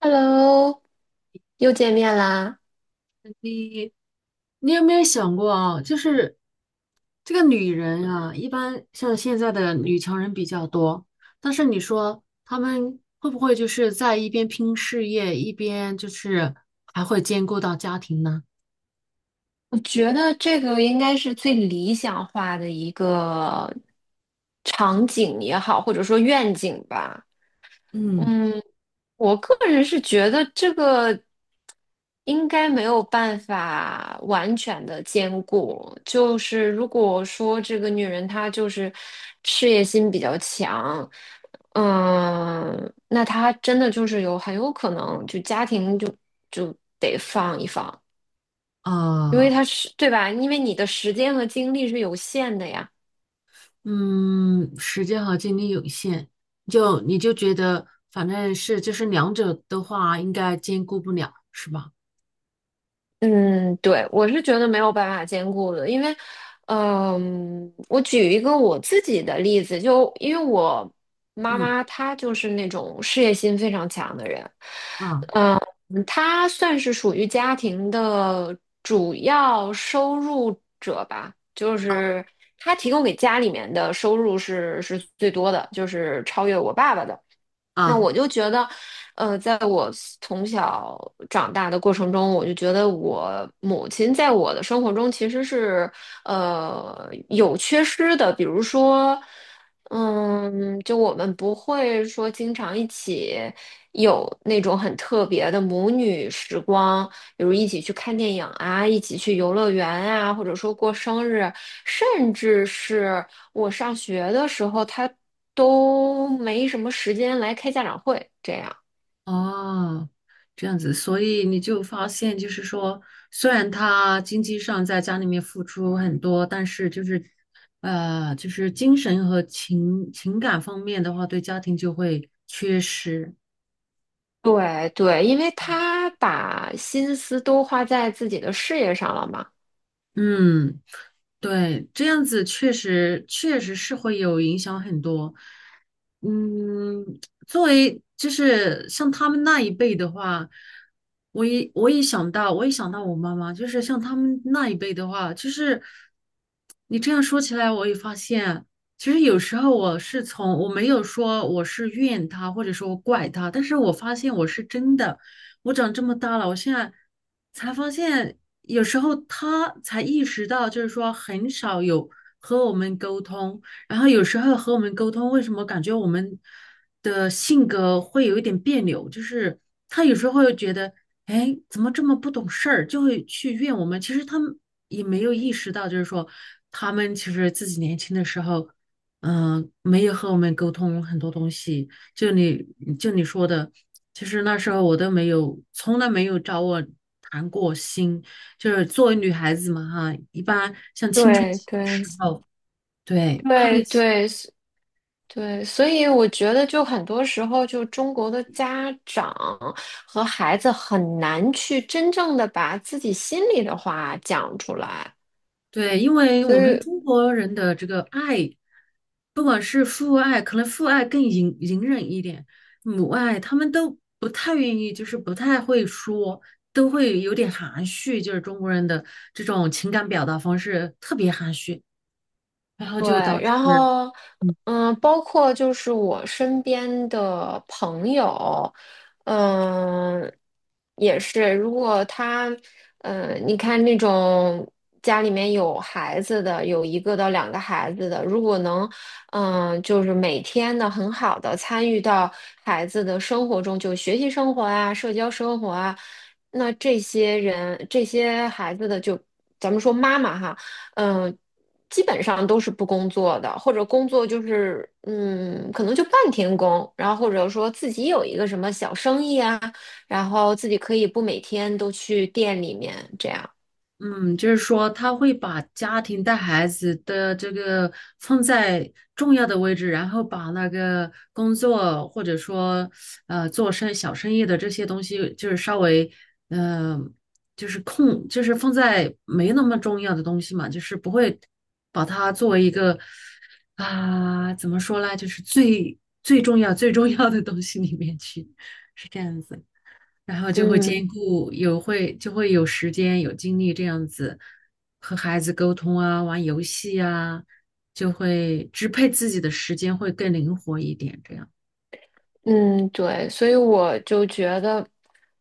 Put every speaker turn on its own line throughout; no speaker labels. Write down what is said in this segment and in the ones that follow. Hello，又见面啦！
你你有没有想过啊？就是,这个女人啊，一般像现在的女强人比较多，但是你说她们会不会就是在一边拼事业，一边就是还会兼顾到家庭呢？
我觉得这个应该是最理想化的一个场景也好，或者说愿景吧。
嗯。
嗯，我个人是觉得这个应该没有办法完全的兼顾。就是如果说这个女人她就是事业心比较强，那她真的就是有很有可能就家庭就得放一放，因为
啊，
她是，对吧？因为你的时间和精力是有限的呀。
嗯，时间和精力有限，就觉得反正是就是两者的话，应该兼顾不了，是吧？
嗯，对，我是觉得没有办法兼顾的，因为，我举一个我自己的例子，就因为我妈
嗯。
妈她就是那种事业心非常强的人，
啊。
嗯，她算是属于家庭的主要收入者吧，就是她提供给家里面的收入是最多的，就是超越我爸爸的。那
啊。
我就觉得，在我从小长大的过程中，我就觉得我母亲在我的生活中其实是，有缺失的。比如说，就我们不会说经常一起有那种很特别的母女时光，比如一起去看电影啊，一起去游乐园啊，或者说过生日，甚至是。我上学的时候，他都没什么时间来开家长会，这样。
哦，这样子，所以你就发现，就是说，虽然他经济上在家里面付出很多，但是就是，就是精神和情感方面的话，对家庭就会缺失。
对对，因为他把心思都花在自己的事业上了嘛。
嗯，对，这样子确实是会有影响很多。嗯，作为就是像他们那一辈的话，我一我一想到，我一想到我妈妈，就是像他们那一辈的话，就是你这样说起来，我也发现，其实有时候我是从我没有说我是怨他，或者说怪他，但是我发现我是真的。我长这么大了，我现在才发现，有时候他才意识到，就是说很少有和我们沟通，然后有时候和我们沟通，为什么感觉我们的性格会有一点别扭？就是他有时候会觉得，哎，怎么这么不懂事儿，就会去怨我们。其实他们也没有意识到，就是说他们其实自己年轻的时候。没有和我们沟通很多东西，就你就你说的，其实那时候我都没有，从来没有找我谈过心。就是作为女孩子嘛，哈，一般像青春
对
期的
对
时候，对，叛
对
逆期，
对对，所以我觉得就很多时候，就中国的家长和孩子很难去真正的把自己心里的话讲出来。
对，因为
所
我们
以。
中国人的这个爱，不管是父爱，可能父爱更隐忍一点，母爱他们都不太愿意，就是不太会说，都会有点含蓄，就是中国人的这种情感表达方式特别含蓄，然后
对，
就导致。
然后，
嗯。
包括就是我身边的朋友，嗯，也是，如果他，你看那种家里面有孩子的，有一个到两个孩子的，如果能，就是每天的很好的参与到孩子的生活中，就学习生活啊，社交生活啊，那这些人，这些孩子的就，咱们说妈妈哈。嗯，基本上都是不工作的，或者工作就是可能就半天工，然后或者说自己有一个什么小生意啊，然后自己可以不每天都去店里面这样。
嗯，就是说他会把家庭带孩子的这个放在重要的位置，然后把那个工作或者说做生小生意的这些东西，就是稍微嗯、呃就是空，就是放在没那么重要的东西嘛，就是不会把它作为一个怎么说呢，就是最重要的东西里面去，是这样子。然后就会
嗯
兼顾有会就会有时间有精力这样子和孩子沟通啊，玩游戏啊，就会支配自己的时间会更灵活一点，这样。
嗯，对，所以我就觉得，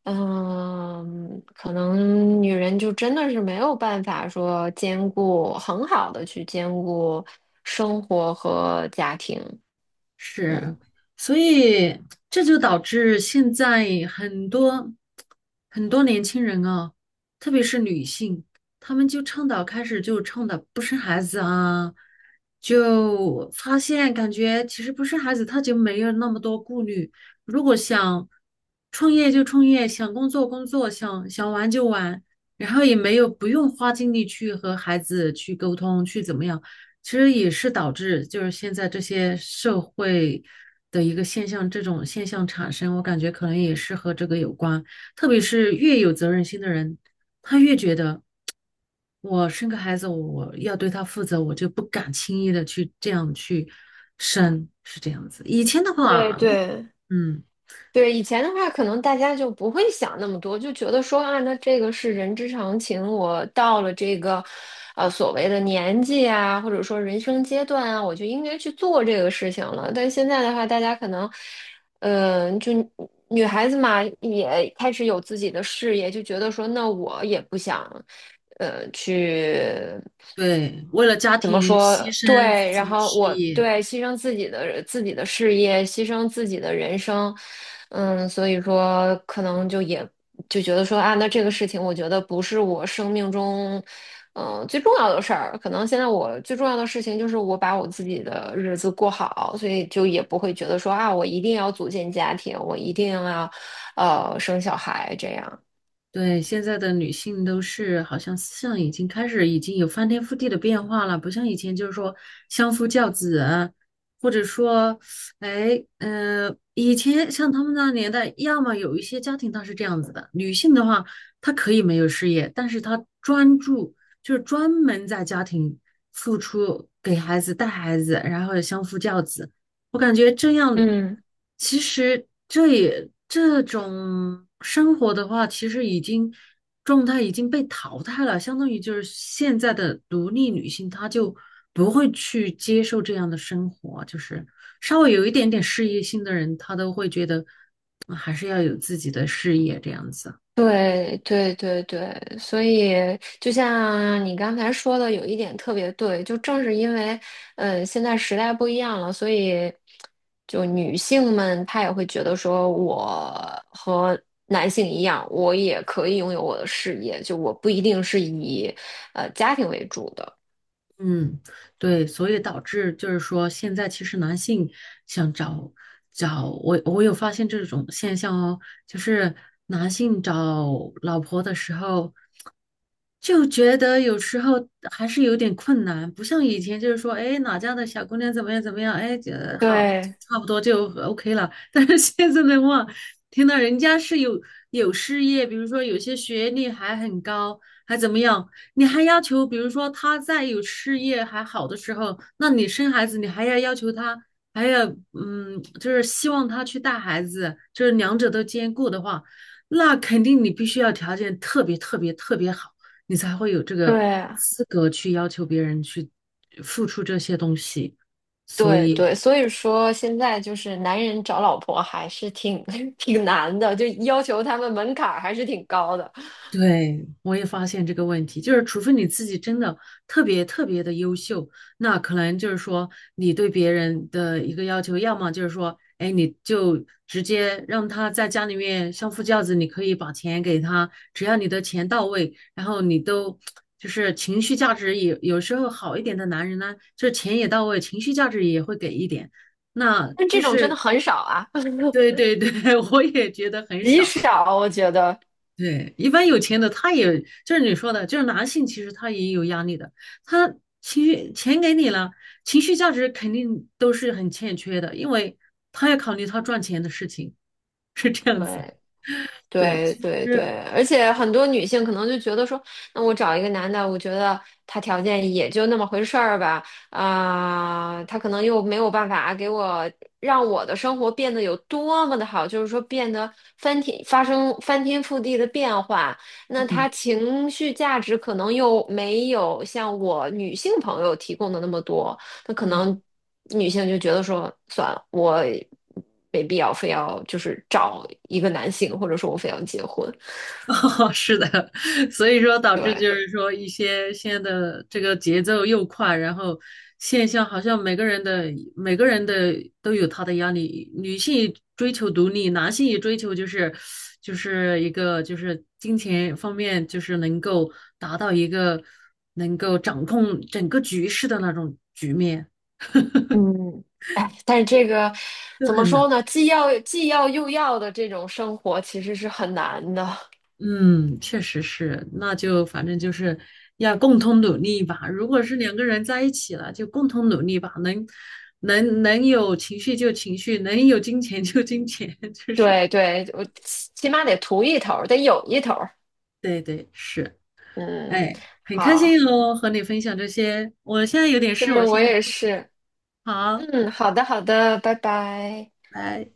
可能女人就真的是没有办法说兼顾很好的去兼顾生活和家庭。嗯。
是，所以这就导致现在很多年轻人啊，特别是女性，她们就倡导开始就倡导不生孩子啊，就发现感觉其实不生孩子，她就没有那么多顾虑。如果想创业就创业，想工作工作，想玩就玩，然后也没有不用花精力去和孩子去沟通，去怎么样。其实也是导致就是现在这些社会的一个现象，这种现象产生，我感觉可能也是和这个有关。特别是越有责任心的人，他越觉得我生个孩子，我要对他负责，我就不敢轻易的去这样去生，是这样子。以前的
对
话，
对，
嗯，
对，以前的话，可能大家就不会想那么多，就觉得说啊，那这个是人之常情。我到了这个，所谓的年纪啊，或者说人生阶段啊，我就应该去做这个事情了。但现在的话，大家可能，嗯、就女孩子嘛，也开始有自己的事业，就觉得说，那我也不想，去。
对，为了家庭牺牲自
对，
己
然
的
后
事
我
业，
对牺牲自己的事业，牺牲自己的人生，嗯，所以说可能就觉得说啊，那这个事情我觉得不是我生命中，最重要的事儿。可能现在我最重要的事情就是我把我自己的日子过好，所以就也不会觉得说啊，我一定要组建家庭，我一定要生小孩这样。
对，现在的女性都是好像思想已经有翻天覆地的变化了，不像以前就是说相夫教子啊，或者说，哎，嗯，以前像他们那年代，要么有一些家庭它是这样子的，女性的话，她可以没有事业，但是她就是专门在家庭付出，给孩子带孩子，然后相夫教子。我感觉这样，
嗯。
其实这种生活的话，其实状态已经被淘汰了，相当于就是现在的独立女性，她就不会去接受这样的生活，就是稍微有一点点事业心的人，她都会觉得嗯还是要有自己的事业这样子。
对对对对，所以就像你刚才说的，有一点特别对，就正是因为，现在时代不一样了，所以就女性们她也会觉得说，我和男性一样，我也可以拥有我的事业，就我不一定是以家庭为主的。
嗯，对，所以导致就是说，现在其实男性想找找我，我有发现这种现象哦，就是男性找老婆的时候，就觉得有时候还是有点困难，不像以前就是说，哎，哪家的小姑娘怎么样怎么样，哎，就好，
对
差不多就OK 了。但是现在的话，听到人家是有事业，比如说有些学历还很高，还怎么样，你还要求，比如说他在有事业还好的时候，那你生孩子，你还要要求他还要嗯，就是希望他去带孩子，就是两者都兼顾的话，那肯定你必须要条件特别好。你才会有这
对
个
啊
资格去要求别人去付出这些东西。所
对
以，
对，所以说现在就是男人找老婆还是挺 挺难的，就要求他们门槛儿还是挺高的。
对，我也发现这个问题，就是除非你自己真的特别特别的优秀，那可能就是说你对别人的一个要求，要么就是说，哎，你就直接让他在家里面相夫教子，你可以把钱给他，只要你的钱到位，然后就是情绪价值也有时候好一点的男人呢，就是钱也到位，情绪价值也会给一点，那
但
就
这种真的
是
很少啊。
对 对对，我也觉得很
极
少。
少，我觉得。
对，一般有钱的他也就是你说的，就是男性，其实他也有压力的。他钱给你了，情绪价值肯定都是很欠缺的，因为他要考虑他赚钱的事情，是这样子。
对
对，
对
其
对对，
实，
而且很多女性可能就觉得说，那我找一个男的，我觉得他条件也就那么回事儿吧，他可能又没有办法给我让我的生活变得有多么的好，就是说变得翻天覆地的变化，那他
嗯。
情绪价值可能又没有像我女性朋友提供的那么多。那可
嗯。
能女性就觉得说，算了，我没必要非要就是找一个男性，或者说我非要结婚。
哦，是的，所以说导致
对，
就是说一些现在的这个节奏又快，然后现象好像每个人的都有他的压力，女性追求独立，男性也追求就是一个就是金钱方面就是能够达到一个能够掌控整个局势的那种局面，
嗯，哎，但是这个
就
怎么
很
说
难。
呢？既要又要的这种生活其实是很难的。
嗯，确实是，那就反正就是要共同努力吧。如果是两个人在一起了，就共同努力吧，能有情绪就情绪，能有金钱就金钱，就是
对对，我起码得图一头儿得有一头儿
对对是，
嗯，
哎，很开心
好，
哦，和你分享这些。我现在有点
是
事，我
我
先
也是。
好，
嗯，好的好的，拜拜。
拜。